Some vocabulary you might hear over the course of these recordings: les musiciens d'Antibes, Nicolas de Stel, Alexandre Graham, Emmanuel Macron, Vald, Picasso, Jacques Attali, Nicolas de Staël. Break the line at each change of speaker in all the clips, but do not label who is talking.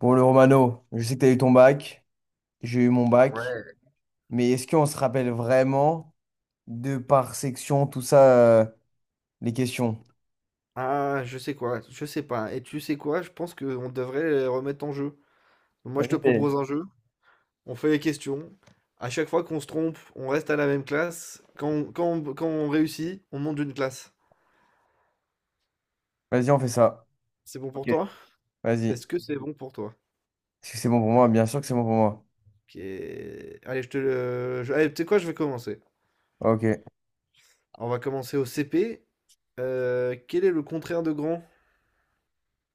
Bon, le Romano, je sais que tu as eu ton bac, j'ai eu mon bac,
Ouais.
mais est-ce qu'on se rappelle vraiment de par section, tout ça, euh, les questions?
Ah, je sais quoi, je sais pas. Et tu sais quoi, je pense qu'on devrait les remettre en jeu. Donc moi, je te
Vas-y, t'es-
propose un jeu, on fait les questions. À chaque fois qu'on se trompe, on reste à la même classe. Quand on réussit, on monte d'une classe.
Vas-y, on fait ça.
C'est bon pour
Ok.
toi?
Vas-y. Est-ce
Est-ce que c'est bon pour toi?
que c'est bon pour moi? Bien sûr que c'est bon pour moi.
Ok. Allez, je te le... je- Allez, tu sais quoi, je vais commencer.
Ok.
On va commencer au CP. Quel est le contraire de grand?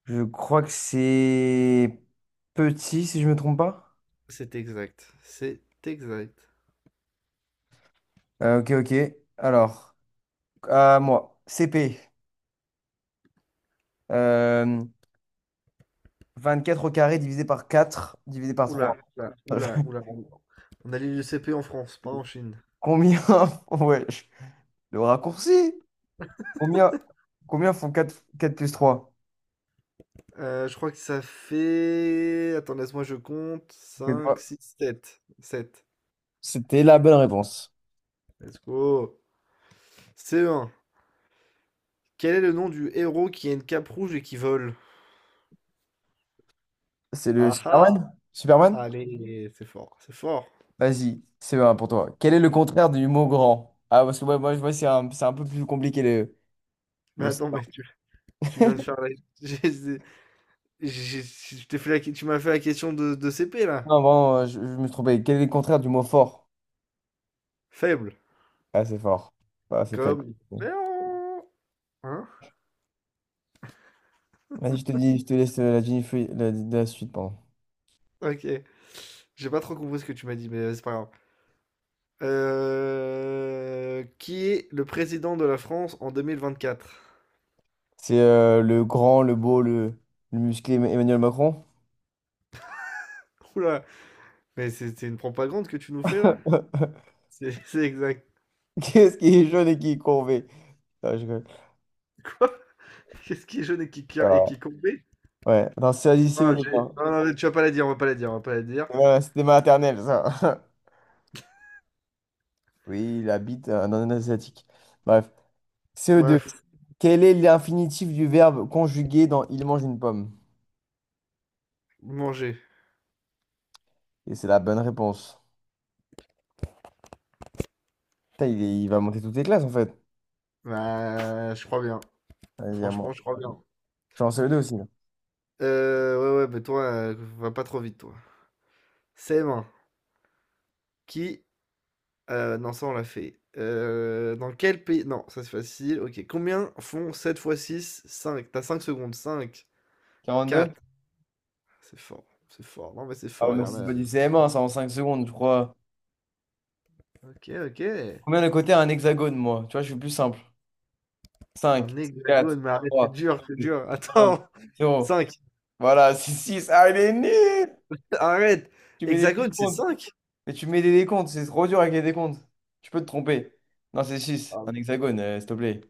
Je crois que c'est petit, si je me trompe pas.
C'est exact. C'est exact.
Ok, ok. Alors, à moi, CP. Euh, 24 au carré divisé par 4, divisé par
Oula,
3.
oula, oula, oula. On a l'île du CP en France, pas en Chine.
Combien? Ouais, le raccourci. Combien, combien font quatre plus trois.
Je crois que ça fait, attends, laisse-moi je compte cinq, six, 7, 7.
C'était la bonne réponse.
Let's go. C1. Quel est le nom du héros qui a une cape rouge et qui vole?
C'est le
Ah ah!
Superman? Superman?
Allez, c'est fort, c'est fort.
Vas-y, c'est bon pour toi. Quel est le contraire du mot grand? Ah, parce que ouais, moi, je vois, c'est un peu plus compliqué le,
Mais
le
attends, mais
Superman.
tu viens de faire la j'ai j'ai j'ai je t'ai fait la ques tu m'as fait la question de CP là.
Non, vraiment, je me suis trompé. Quel est le contraire du mot fort?
Faible,
Ah, c'est fort. Ah, c'est faible.
comme, hein?
Vas-y, je te dis, je te laisse la suite, pardon.
OK. J'ai pas trop compris ce que tu m'as dit, mais c'est pas grave. Qui est le président de la France en 2024?
C'est le grand, le beau, le musclé Emmanuel Macron.
Ouh là, mais c'est une propagande que tu nous fais là? C'est c'est exact,
Qu'est-ce qui est jaune et qui est courbé? Non, je rigole.
quoi? Qu'est-ce qui est jaune et qui et
Ah.
qui compte.
Ouais, non, c'est un lycée au
Ah, j'ai
départ.
non, non, mais tu vas pas la dire, on va pas la dire, on va pas la dire.
Voilà, c'était maternelle, ça. Oui, il habite dans un asiatique. Bref. CE2.
Bref,
Quel est l'infinitif du verbe conjugué dans il mange une pomme?
manger.
Et c'est la bonne réponse. Putain, il va monter toutes les classes, en fait.
Bah, je crois bien.
Vas-y, à moi.
Franchement, je crois bien.
Je suis en CE2 aussi, là.
Ouais, ouais, mais toi, va pas trop vite, toi. CM1, qui non, ça on l'a fait. Dans quel pays non, ça c'est facile, OK. Combien font 7 fois six? 5. T'as 5 secondes. Cinq.
42?
Quatre. C'est fort, c'est fort. Non, mais c'est
Ah, ouais,
fort, il y
mais
en
c'est
a.
pas du CM1, ça, en 5 secondes, je crois.
OK, OK.
Combien de côtés a un hexagone, moi? Tu vois, je suis plus simple.
Un
Cinq, quatre,
hexagone, mais arrête, c'est
trois,
dur, c'est
deux,
dur.
un,
Attends,
0.
cinq.
Voilà, c'est six. Ah, il est nul!
Arrête!
Tu mets des
Hexagone, c'est
décomptes.
cinq.
Mais tu mets des décomptes, c'est trop dur avec les décomptes. Tu peux te tromper. Non, c'est six,
Ah
un hexagone, s'il te plaît.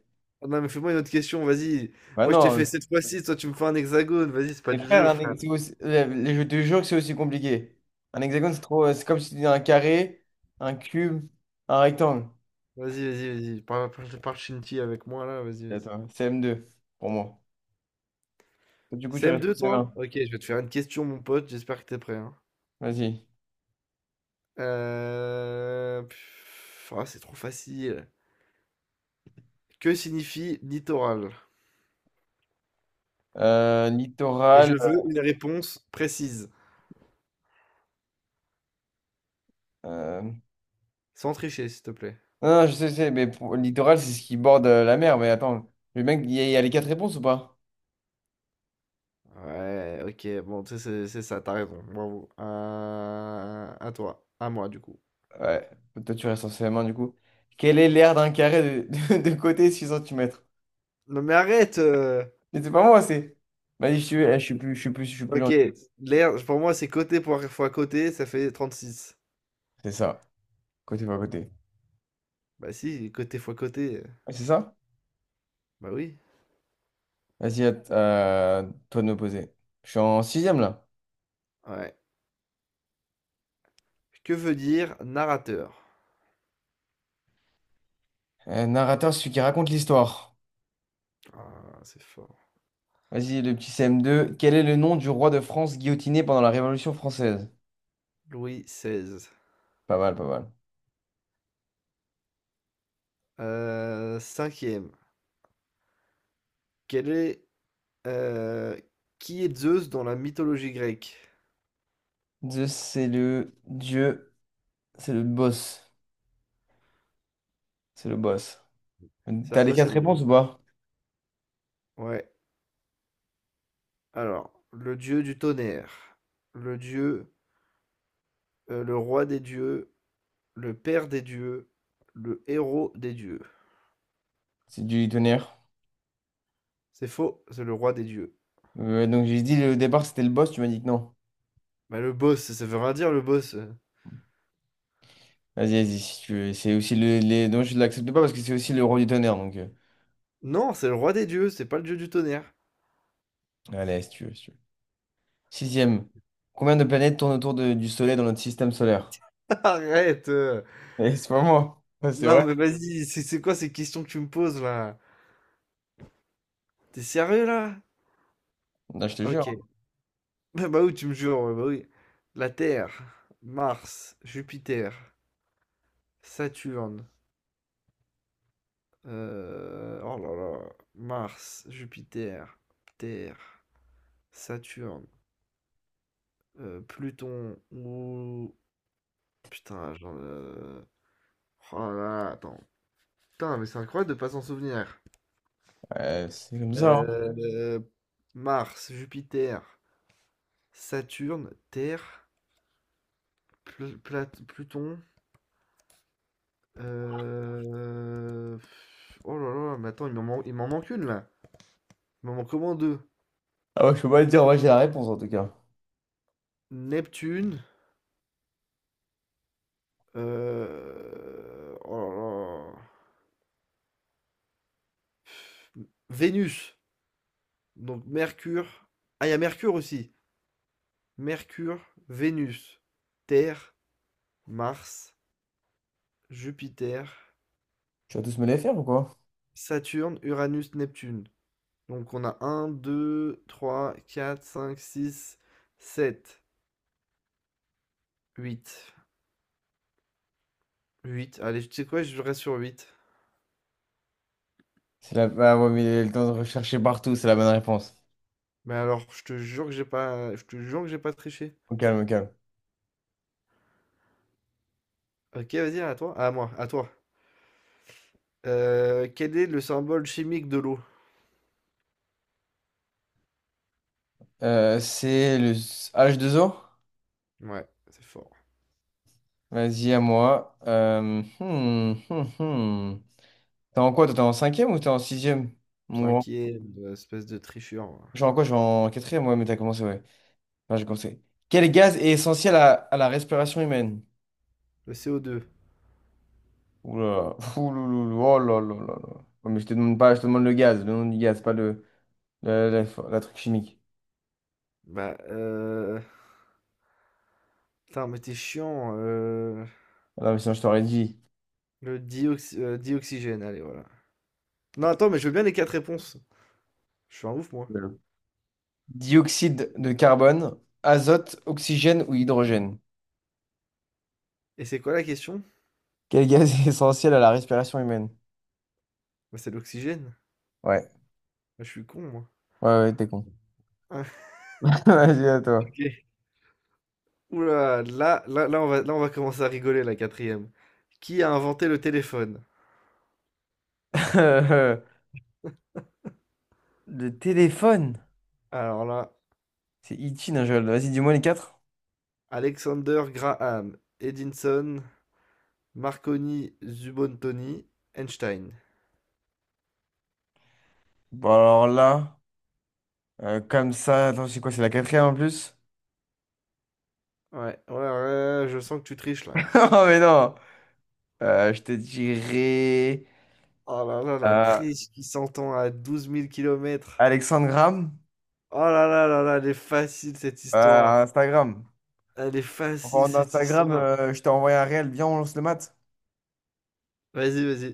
non, mais fais-moi une autre question, vas-y.
Bah
Moi, je t'ai fait
non,
7 fois 6. Toi, tu me fais un hexagone. Vas-y, c'est pas
mes
du
frères,
jeu,
un
frère.
hex- c'est aussi- je te jure que c'est aussi compliqué. Un hexagone, c'est trop. C'est comme si tu disais un carré, un cube, un rectangle.
Vas-y, vas-y, vas-y. Parle parle parle chinti avec moi là, vas-y,
C'est à
vas-y.
toi, CM2, pour moi. Du coup, tu restes au
CM2, toi?
CM1.
Ok, je vais te faire une question, mon pote. J'espère que t'es prêt, hein.
Vas-y.
Pff, ah, c'est trop facile. Que signifie littoral? Et
Littoral.
je veux une réponse précise,
euh,
sans tricher, s'il te plaît.
Non, non, je sais, littoral, c'est ce qui borde la mer. Mais attends, le mec, il y a les quatre réponses ou pas?
Ouais, ok, bon, tu sais, c'est ça, t'as raison. Bravo. À toi, à moi, du coup.
Ouais. Toi, tu restes en CM1 du coup. Quelle est l'aire d'un carré de, de, côté 6 cm?
Non, mais arrête!
Mais c'est pas moi, c'est. Vas-y, je suis plus
Ok,
gentil.
l'air, pour moi, c'est côté fois côté, ça fait 36.
C'est ça. Côté par côté.
Bah si, côté fois côté.
Ouais, c'est ça?
Bah oui.
Vas-y, toi de me poser. Je suis en sixième là.
Ouais. Que veut dire narrateur?
Narrateur, celui qui raconte l'histoire.
Ah, c'est fort.
Vas-y, le petit CM2. Quel est le nom du roi de France guillotiné pendant la Révolution française?
Louis XVI.
Pas mal, pas mal.
Cinquième. Quel est, euh, qui est Zeus dans la mythologie grecque?
Zeus, c'est le dieu, c'est le boss. C'est le boss.
C'est
T'as les
quoi? C'est
quatre
le.
réponses ou pas?
Ouais. Alors, le dieu du tonnerre, le dieu, le roi des dieux, le père des dieux, le héros des dieux.
C'est du tonnerre.
C'est faux, c'est le roi des dieux.
Donc j'ai dit au départ c'était le boss, tu m'as dit que non.
Mais le boss, ça veut rien dire le boss.
Vas-y, vas-y, si tu veux. C'est aussi le, les. Donc je l'accepte pas parce que c'est aussi le roi du tonnerre. Donc
Non, c'est le roi des dieux, c'est pas le dieu du tonnerre.
allez, si tu veux, si tu veux. Sixième. Combien de planètes tournent autour du Soleil dans notre système solaire?
Arrête!
Eh, c'est pas moi. Ouais, c'est
Non,
vrai.
mais vas-y, c'est quoi ces questions que tu me poses là? T'es sérieux là?
Non, je te jure.
OK. Bah oui, tu me jures, ouais, bah oui. La Terre, Mars, Jupiter, Saturne, oh là là, Mars, Jupiter, Terre, Saturne, Pluton ou putain, oh là là, attends. Putain, mais c'est incroyable de pas s'en souvenir.
C'est comme ça, hein.
Heu, Mars, Jupiter, Saturne, Terre, Pluton. Euh, Oh là là, mais attends, il m'en manque une là. Il m'en manque au deux.
Ah, ouais, je peux pas te dire, moi j'ai la réponse en tout cas.
Neptune. Oh là là. Vénus. Donc Mercure. Ah, il y a Mercure aussi. Mercure, Vénus, Terre, Mars, Jupiter,
Tu vas tous me les faire ou quoi?
Saturne, Uranus, Neptune. Donc on a un, deux, trois, quatre, cinq, six, sept, huit, huit. Allez, tu sais quoi, je reste sur huit.
C'est la. Ah, ouais, mais il le temps de rechercher partout, c'est la bonne réponse.
Mais alors, je te jure que j'ai pas triché.
Au calme, au calme.
OK, vas-y, à toi. À moi, à toi. Quel est le symbole chimique de l'eau?
C'est le H2O?
Ouais, c'est fort.
Vas-y, à moi. Hmm, hmm, hmm. T'es en quoi? Toi, t'es en cinquième ou t'es en sixième? Mon grand.
5e, espèce de tricheur, hein.
Je suis en quoi? Je suis en quatrième, ouais, mais t'as commencé, ouais. Enfin, j'ai commencé. Quel gaz est essentiel à la respiration humaine?
Le co deux.
Ouh là là. Ouh là là là. Oh là là là là. Ouais, mais je te demande pas, je te demande le gaz, le nom du gaz, pas le, la- la- la truc chimique.
Bah, putain, mais t'es chiant,
Ah, non, mais sinon, je t'aurais dit.
le dioxygène, allez, voilà. Non, attends, mais je veux bien les 4 réponses. Je suis un ouf, moi.
euh, Dioxyde de carbone, azote, oxygène ou hydrogène?
Et c'est quoi la question?
Quel gaz est essentiel à la respiration humaine?
Bah, c'est l'oxygène.
Ouais.
Bah, je suis con, moi.
Ouais, ouais, t'es con.
Ah,
Vas-y, à toi.
OK. Oula, là, là là, on va commencer à rigoler, la quatrième. Qui a inventé le téléphone?
Le téléphone.
Alors là,
C'est Ichi Nigel. Vas-y, dis-moi les quatre.
Alexander Graham, Edinson, Marconi, Zubontoni, Einstein.
Bon, alors là, comme ça, attends, c'est quoi? C'est la quatrième en plus?
Ouais, ouais, ouais, je sens que tu triches là.
Oh, mais non! Je te dirais
Oh là là, la
euh,
triche qui s'entend à 12 000 kilomètres.
Alexandre Graham,
Oh là là là là, elle est facile cette histoire.
Instagram.
Elle est
En parlant
facile cette
d'Instagram,
histoire.
je t'ai envoyé un réel, viens, on lance le mat.
Vas-y, vas-y.